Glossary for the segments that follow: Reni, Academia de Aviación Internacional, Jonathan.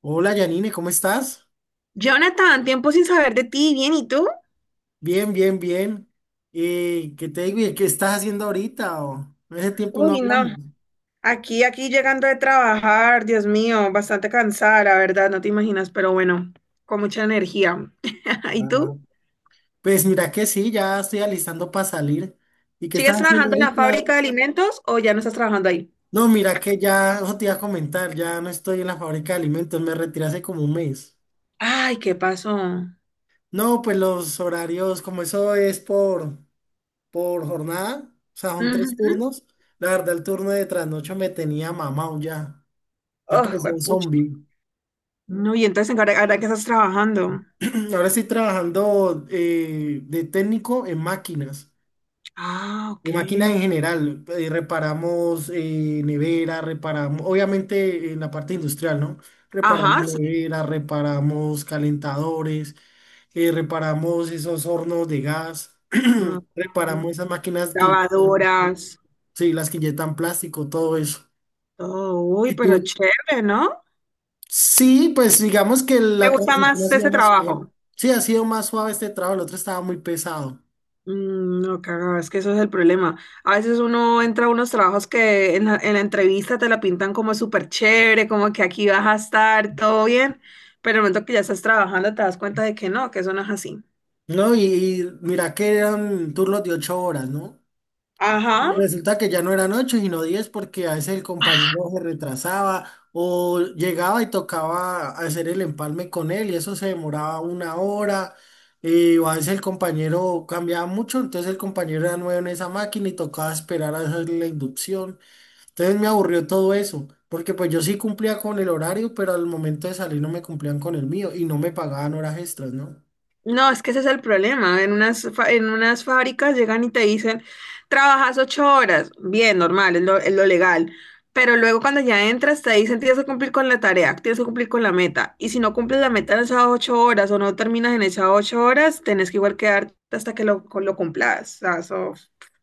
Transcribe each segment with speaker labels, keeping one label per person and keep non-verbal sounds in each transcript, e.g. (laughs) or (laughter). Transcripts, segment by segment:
Speaker 1: Hola Janine, ¿cómo estás?
Speaker 2: Jonathan, tiempo sin saber de ti, bien, ¿y tú?
Speaker 1: Bien, bien, bien. ¿Qué te digo? ¿Y qué estás haciendo ahorita? O, ese tiempo no
Speaker 2: Uy, no,
Speaker 1: hablamos.
Speaker 2: aquí llegando de trabajar, Dios mío, bastante cansada, la verdad, no te imaginas, pero bueno, con mucha energía. (laughs) ¿Y
Speaker 1: Ah,
Speaker 2: tú?
Speaker 1: pues mira que sí, ya estoy alistando para salir. ¿Y qué estás
Speaker 2: ¿Sigues
Speaker 1: haciendo
Speaker 2: trabajando en la
Speaker 1: ahorita?
Speaker 2: fábrica de alimentos o ya no estás trabajando ahí?
Speaker 1: No, mira que ya, eso te iba a comentar, ya no estoy en la fábrica de alimentos, me retiré hace como un mes.
Speaker 2: Ay, ¿qué pasó? Ujú.
Speaker 1: No, pues los horarios, como eso es por jornada, o sea, son tres turnos. La verdad, el turno de trasnocho me tenía mamado ya, ya
Speaker 2: Oh,
Speaker 1: parecía un
Speaker 2: juepucha.
Speaker 1: zombie.
Speaker 2: No, y entonces, ¿ahora que estás trabajando?
Speaker 1: (clears throat) Ahora estoy trabajando de técnico en máquinas,
Speaker 2: Ah, ok.
Speaker 1: de máquinas en general. Reparamos nevera, reparamos, obviamente en la parte industrial, ¿no? Reparamos
Speaker 2: Ajá, sí. (laughs)
Speaker 1: nevera, reparamos calentadores, reparamos esos hornos de gas, (clears throat)
Speaker 2: Mm.
Speaker 1: reparamos esas máquinas
Speaker 2: Lavadoras,
Speaker 1: sí, las que inyectan plástico, todo eso.
Speaker 2: todo. Uy,
Speaker 1: ¿Y
Speaker 2: pero
Speaker 1: tú?
Speaker 2: chévere, ¿no?
Speaker 1: Sí, pues digamos que
Speaker 2: ¿Te
Speaker 1: la
Speaker 2: gusta
Speaker 1: transición ha
Speaker 2: más
Speaker 1: sido
Speaker 2: ese
Speaker 1: más suave.
Speaker 2: trabajo?
Speaker 1: Sí, ha sido más suave este trabajo, el otro estaba muy pesado.
Speaker 2: Mm, no, cagado, es que eso es el problema. A veces uno entra a unos trabajos que en la entrevista te la pintan como súper chévere, como que aquí vas a estar todo bien, pero en el momento que ya estás trabajando te das cuenta de que no, que eso no es así.
Speaker 1: No, y mira que eran turnos de 8 horas, ¿no? Y
Speaker 2: Ajá.
Speaker 1: resulta que ya no eran 8, sino 10, porque a veces el compañero se retrasaba o llegaba y tocaba hacer el empalme con él y eso se demoraba una hora. O a veces el compañero cambiaba mucho, entonces el compañero era nuevo en esa máquina y tocaba esperar a hacer la inducción. Entonces me aburrió todo eso, porque pues yo sí cumplía con el horario, pero al momento de salir no me cumplían con el mío y no me pagaban horas extras, ¿no?
Speaker 2: No, es que ese es el problema. En unas fábricas llegan y te dicen, trabajas ocho horas. Bien, normal, es lo legal. Pero luego cuando ya entras te dicen, tienes que cumplir con la tarea, tienes que cumplir con la meta. Y si no cumples la meta en esas ocho horas o no terminas en esas ocho horas, tenés que igual quedarte hasta que lo cumplas. O sea, eso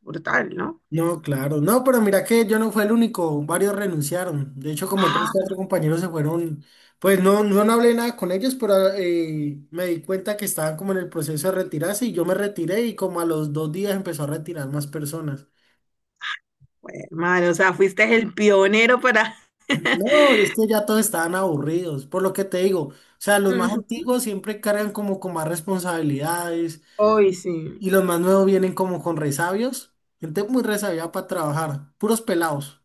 Speaker 2: brutal, ¿no?
Speaker 1: No, claro. No, pero mira que yo no fue el único, varios renunciaron. De hecho, como tres,
Speaker 2: Ah,
Speaker 1: cuatro compañeros se fueron. Pues no, no, no hablé nada con ellos, pero me di cuenta que estaban como en el proceso de retirarse y yo me retiré y como a los 2 días empezó a retirar más personas.
Speaker 2: bueno, madre, o sea, fuiste el pionero para... (laughs)
Speaker 1: No, es que ya todos estaban aburridos, por lo que te digo. O sea, los más
Speaker 2: Ujú.
Speaker 1: antiguos siempre cargan como con más responsabilidades
Speaker 2: Hoy
Speaker 1: y,
Speaker 2: sí.
Speaker 1: y los más nuevos vienen como con resabios. Gente muy resabia para trabajar, puros pelados.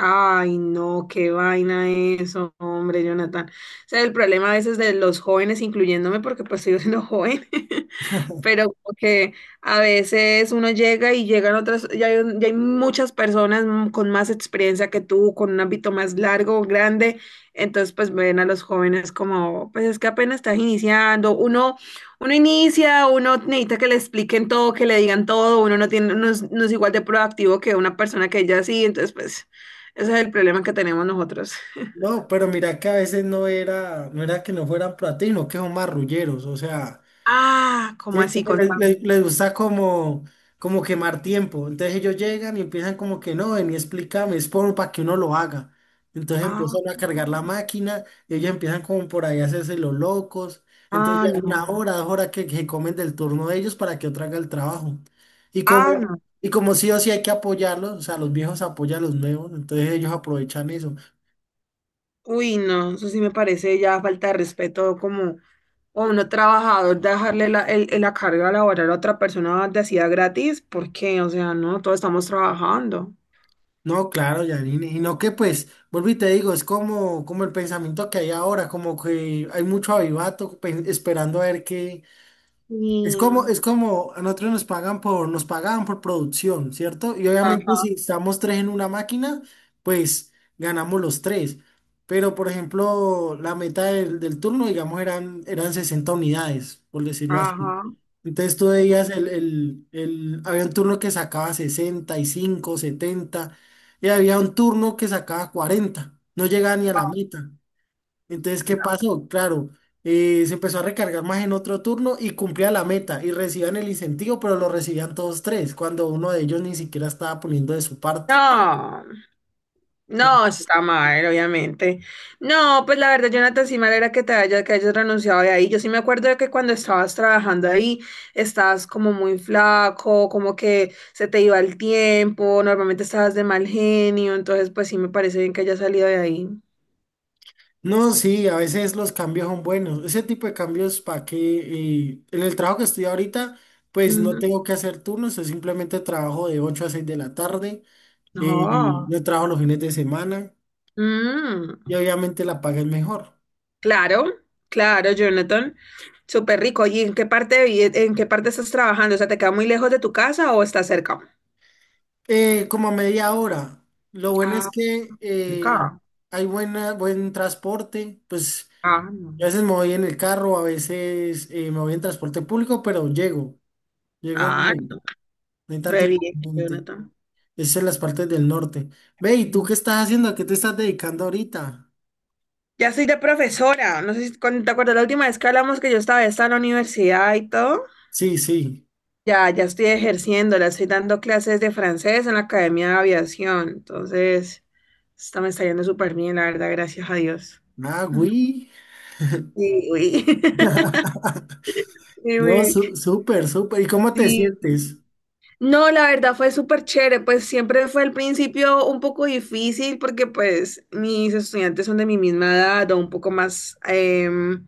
Speaker 2: Ay, no, qué vaina eso, hombre, Jonathan. O sea, el problema a veces de los jóvenes, incluyéndome, porque pues sigo siendo joven, (laughs) pero como que a veces uno llega y llegan otras, ya hay muchas personas con más experiencia que tú, con un ámbito más largo, grande, entonces pues ven a los jóvenes como, pues es que apenas estás iniciando, uno inicia, uno necesita que le expliquen todo, que le digan todo, uno no tiene, no es igual de proactivo que una persona que ya sí, entonces pues ese es el problema que tenemos nosotros.
Speaker 1: No, pero mira que a veces no era que no fueran platinos, que son marrulleros, o sea,
Speaker 2: Ah, ¿cómo
Speaker 1: ¿cierto?
Speaker 2: así?
Speaker 1: Le-
Speaker 2: Contame.
Speaker 1: le- les, gusta como quemar tiempo. Entonces ellos llegan y empiezan como que no, ven y explícame, es por para que uno lo haga. Entonces
Speaker 2: Ah,
Speaker 1: empiezan a cargar la máquina, y ellos empiezan como por ahí a hacerse los locos. Entonces
Speaker 2: ah,
Speaker 1: ya una
Speaker 2: no.
Speaker 1: hora, 2 horas que comen del turno de ellos para que otro haga el trabajo. Y
Speaker 2: Ah,
Speaker 1: como,
Speaker 2: no.
Speaker 1: y como sí o sí hay que apoyarlos, o sea, los viejos apoyan a los nuevos, entonces ellos aprovechan eso.
Speaker 2: Uy, no, eso sí me parece ya falta de respeto como a uno trabajador dejarle la, la carga laboral a otra persona de hacía gratis, porque, o sea, no, todos estamos trabajando.
Speaker 1: No, claro, Janine, y no que pues, vuelvo y te digo, es como el pensamiento que hay ahora, como que hay mucho avivato esperando a ver qué. Es como,
Speaker 2: Sí,
Speaker 1: es como a nosotros nos pagaban por producción, ¿cierto? Y obviamente
Speaker 2: ajá,
Speaker 1: si estamos tres en una máquina, pues ganamos los tres. Pero, por ejemplo, la meta del turno, digamos, eran 60 unidades, por decirlo así.
Speaker 2: ajá.
Speaker 1: Entonces tú veías había un turno que sacaba 65 70 y había un turno que sacaba 40. No llegaba ni a la meta. Entonces, ¿qué pasó? Claro, se empezó a recargar más en otro turno y cumplía la meta y recibían el incentivo, pero lo recibían todos tres, cuando uno de ellos ni siquiera estaba poniendo de su parte.
Speaker 2: No. No, está mal, obviamente. No, pues la verdad, Jonathan, sí mal era que que hayas renunciado de ahí. Yo sí me acuerdo de que cuando estabas trabajando ahí, estabas como muy flaco, como que se te iba el tiempo, normalmente estabas de mal genio, entonces pues sí me parece bien que hayas salido de ahí.
Speaker 1: No, sí, a veces los cambios son buenos. Ese tipo de cambios para que en el trabajo que estoy ahorita, pues no
Speaker 2: Ujú.
Speaker 1: tengo que hacer turnos, yo simplemente trabajo de 8 a 6 de la tarde,
Speaker 2: No.
Speaker 1: no trabajo los fines de semana
Speaker 2: Mm,
Speaker 1: y obviamente la paga es mejor.
Speaker 2: claro, claro, Jonathan. Súper rico. ¿Y en qué parte, en qué parte estás trabajando? O sea, ¿te queda muy lejos de tu casa o estás cerca?
Speaker 1: Como a media hora. Lo bueno
Speaker 2: Ah,
Speaker 1: es que
Speaker 2: cerca.
Speaker 1: hay buen transporte. Pues
Speaker 2: Ah, no.
Speaker 1: a veces me voy en el carro, a veces me voy en transporte público, pero llego
Speaker 2: Ah,
Speaker 1: bien. No hay tanto
Speaker 2: re bien,
Speaker 1: inconveniente.
Speaker 2: Jonathan.
Speaker 1: Es en las partes del norte. Ve, ¿y tú
Speaker 2: Mm.
Speaker 1: qué estás haciendo? ¿A qué te estás dedicando ahorita?
Speaker 2: Ya soy de profesora. No sé si te acuerdas la última vez que hablamos que yo estaba en la universidad y todo.
Speaker 1: Sí, sí.
Speaker 2: Ya estoy ejerciendo, la estoy dando clases de francés en la Academia de Aviación. Entonces, esto me está yendo súper bien, la verdad, gracias a Dios.
Speaker 1: Ah,
Speaker 2: Ujú.
Speaker 1: güey.
Speaker 2: Sí, uy. (laughs)
Speaker 1: (laughs)
Speaker 2: Sí,
Speaker 1: No,
Speaker 2: uy.
Speaker 1: súper, súper. ¿Y cómo te
Speaker 2: Sí,
Speaker 1: sientes?
Speaker 2: no, la verdad fue súper chévere, pues siempre fue al principio un poco difícil porque pues mis estudiantes son de mi misma edad o un poco más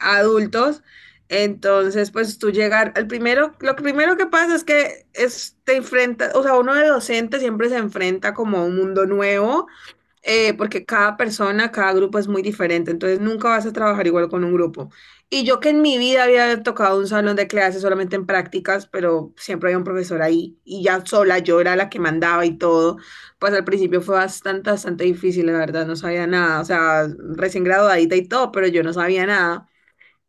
Speaker 2: adultos, entonces pues tú llegar, al primero, lo primero que pasa es te enfrentas, o sea, uno de docente siempre se enfrenta como a un mundo nuevo porque cada persona, cada grupo es muy diferente, entonces nunca vas a trabajar igual con un grupo. Y yo que en mi vida había tocado un salón de clases solamente en prácticas, pero siempre había un profesor ahí y ya sola yo era la que mandaba y todo, pues al principio fue bastante difícil, la verdad, no sabía nada, o sea, recién graduadita y todo, pero yo no sabía nada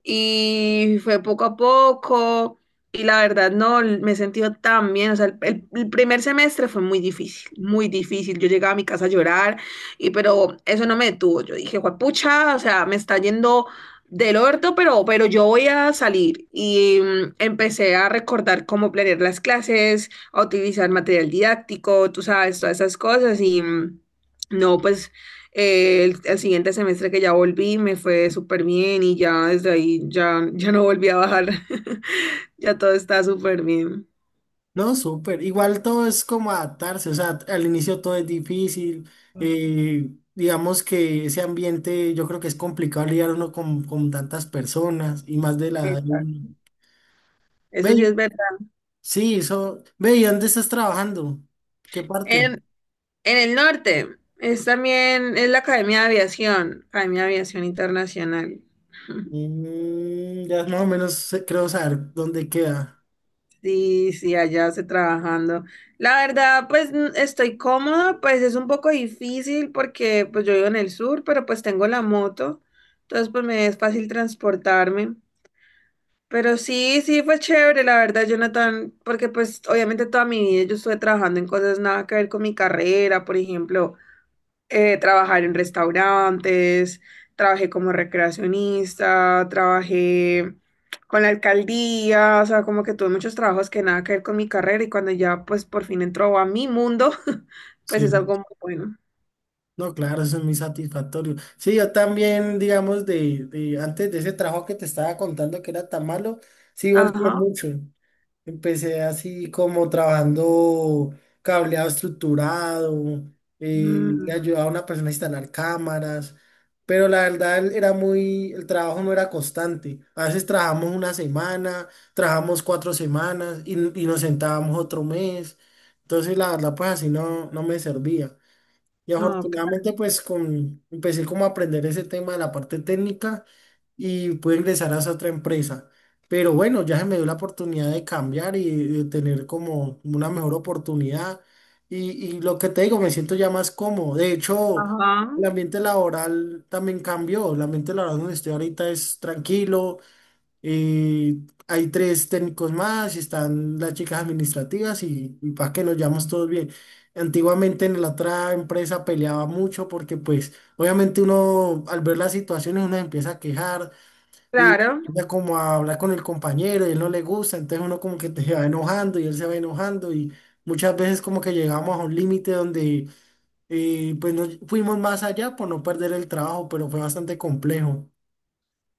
Speaker 2: y fue poco a poco y la verdad no, me he sentido tan bien, o sea, el primer semestre fue muy difícil, yo llegaba a mi casa a llorar y pero eso no me detuvo, yo dije, pucha, o sea, me está yendo del orto, pero yo voy a salir y empecé a recordar cómo planear las clases, a utilizar material didáctico, tú sabes, todas esas cosas y no, pues el siguiente semestre que ya volví me fue súper bien y ya desde ahí ya no volví a bajar. (laughs) Ya todo está súper bien.
Speaker 1: No, súper. Igual todo es como adaptarse, o sea, al inicio todo es difícil. Digamos que ese ambiente, yo creo que es complicado lidiar uno con tantas personas y más de la edad de uno.
Speaker 2: Exacto.
Speaker 1: Ve,
Speaker 2: Eso sí es verdad.
Speaker 1: sí, eso. Ve, ¿y dónde estás trabajando? ¿Qué parte?
Speaker 2: En, en el norte es también, es la Academia de Aviación Internacional. (laughs)
Speaker 1: Mm, ya más o menos creo saber dónde queda.
Speaker 2: Sí, sí, allá se trabajando. La verdad, pues estoy cómoda, pues es un poco difícil porque pues yo vivo en el sur, pero pues tengo la moto, entonces pues me es fácil transportarme. Pero sí, sí fue chévere, la verdad, Jonathan, porque pues obviamente toda mi vida yo estuve trabajando en cosas nada que ver con mi carrera, por ejemplo, trabajar en restaurantes, trabajé como recreacionista, trabajé con la alcaldía, o sea, como que tuve muchos trabajos que nada que ver con mi carrera y cuando ya pues por fin entró a mi mundo, (laughs) pues es
Speaker 1: Sí.
Speaker 2: algo muy bueno.
Speaker 1: No, claro, eso es muy satisfactorio. Sí, yo también, digamos, de antes de ese trabajo que te estaba contando que era tan malo, sí volteé
Speaker 2: Ajá.
Speaker 1: mucho. Empecé así como trabajando cableado estructurado, le
Speaker 2: Mm,
Speaker 1: ayudaba a una persona a instalar cámaras, pero la verdad él era muy, el trabajo no era constante. A veces trabajamos una semana, trabajamos 4 semanas y nos sentábamos otro mes. Entonces la verdad pues así no, no me servía. Y
Speaker 2: no,
Speaker 1: afortunadamente pues empecé como a aprender ese tema de la parte técnica y pude ingresar a esa otra empresa. Pero bueno, ya se me dio la oportunidad de cambiar y de tener como una mejor oportunidad. Y, y lo que te digo, me siento ya más cómodo. De hecho,
Speaker 2: ajá.
Speaker 1: el ambiente laboral también cambió. El ambiente laboral donde estoy ahorita es tranquilo. eh, Hay tres técnicos más, y están las chicas administrativas y para que nos llevamos todos bien. Antiguamente en la otra empresa peleaba mucho porque pues obviamente uno al ver las situaciones uno se empieza a quejar y
Speaker 2: Claro.
Speaker 1: ya como a hablar con el compañero y él no le gusta, entonces uno como que te va enojando y él se va enojando y muchas veces como que llegamos a un límite donde pues no fuimos más allá por no perder el trabajo, pero fue bastante complejo.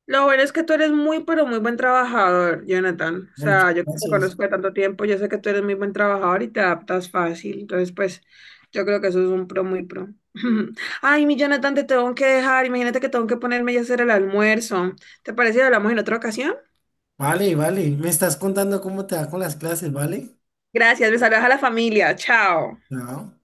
Speaker 2: Lo bueno es que tú eres muy, pero muy buen trabajador, Jonathan. O
Speaker 1: Ya, muchas
Speaker 2: sea, yo que te
Speaker 1: gracias.
Speaker 2: conozco de tanto tiempo, yo sé que tú eres muy buen trabajador y te adaptas fácil. Entonces, pues, yo creo que eso es un pro muy pro. (laughs) Ay, mi Jonathan, te tengo que dejar. Imagínate que tengo que ponerme ya a hacer el almuerzo. ¿Te parece que hablamos en otra ocasión?
Speaker 1: Vale, vale, me estás contando cómo te va con las clases, ¿vale?
Speaker 2: Gracias, me saludas a la familia. Chao.
Speaker 1: Chao.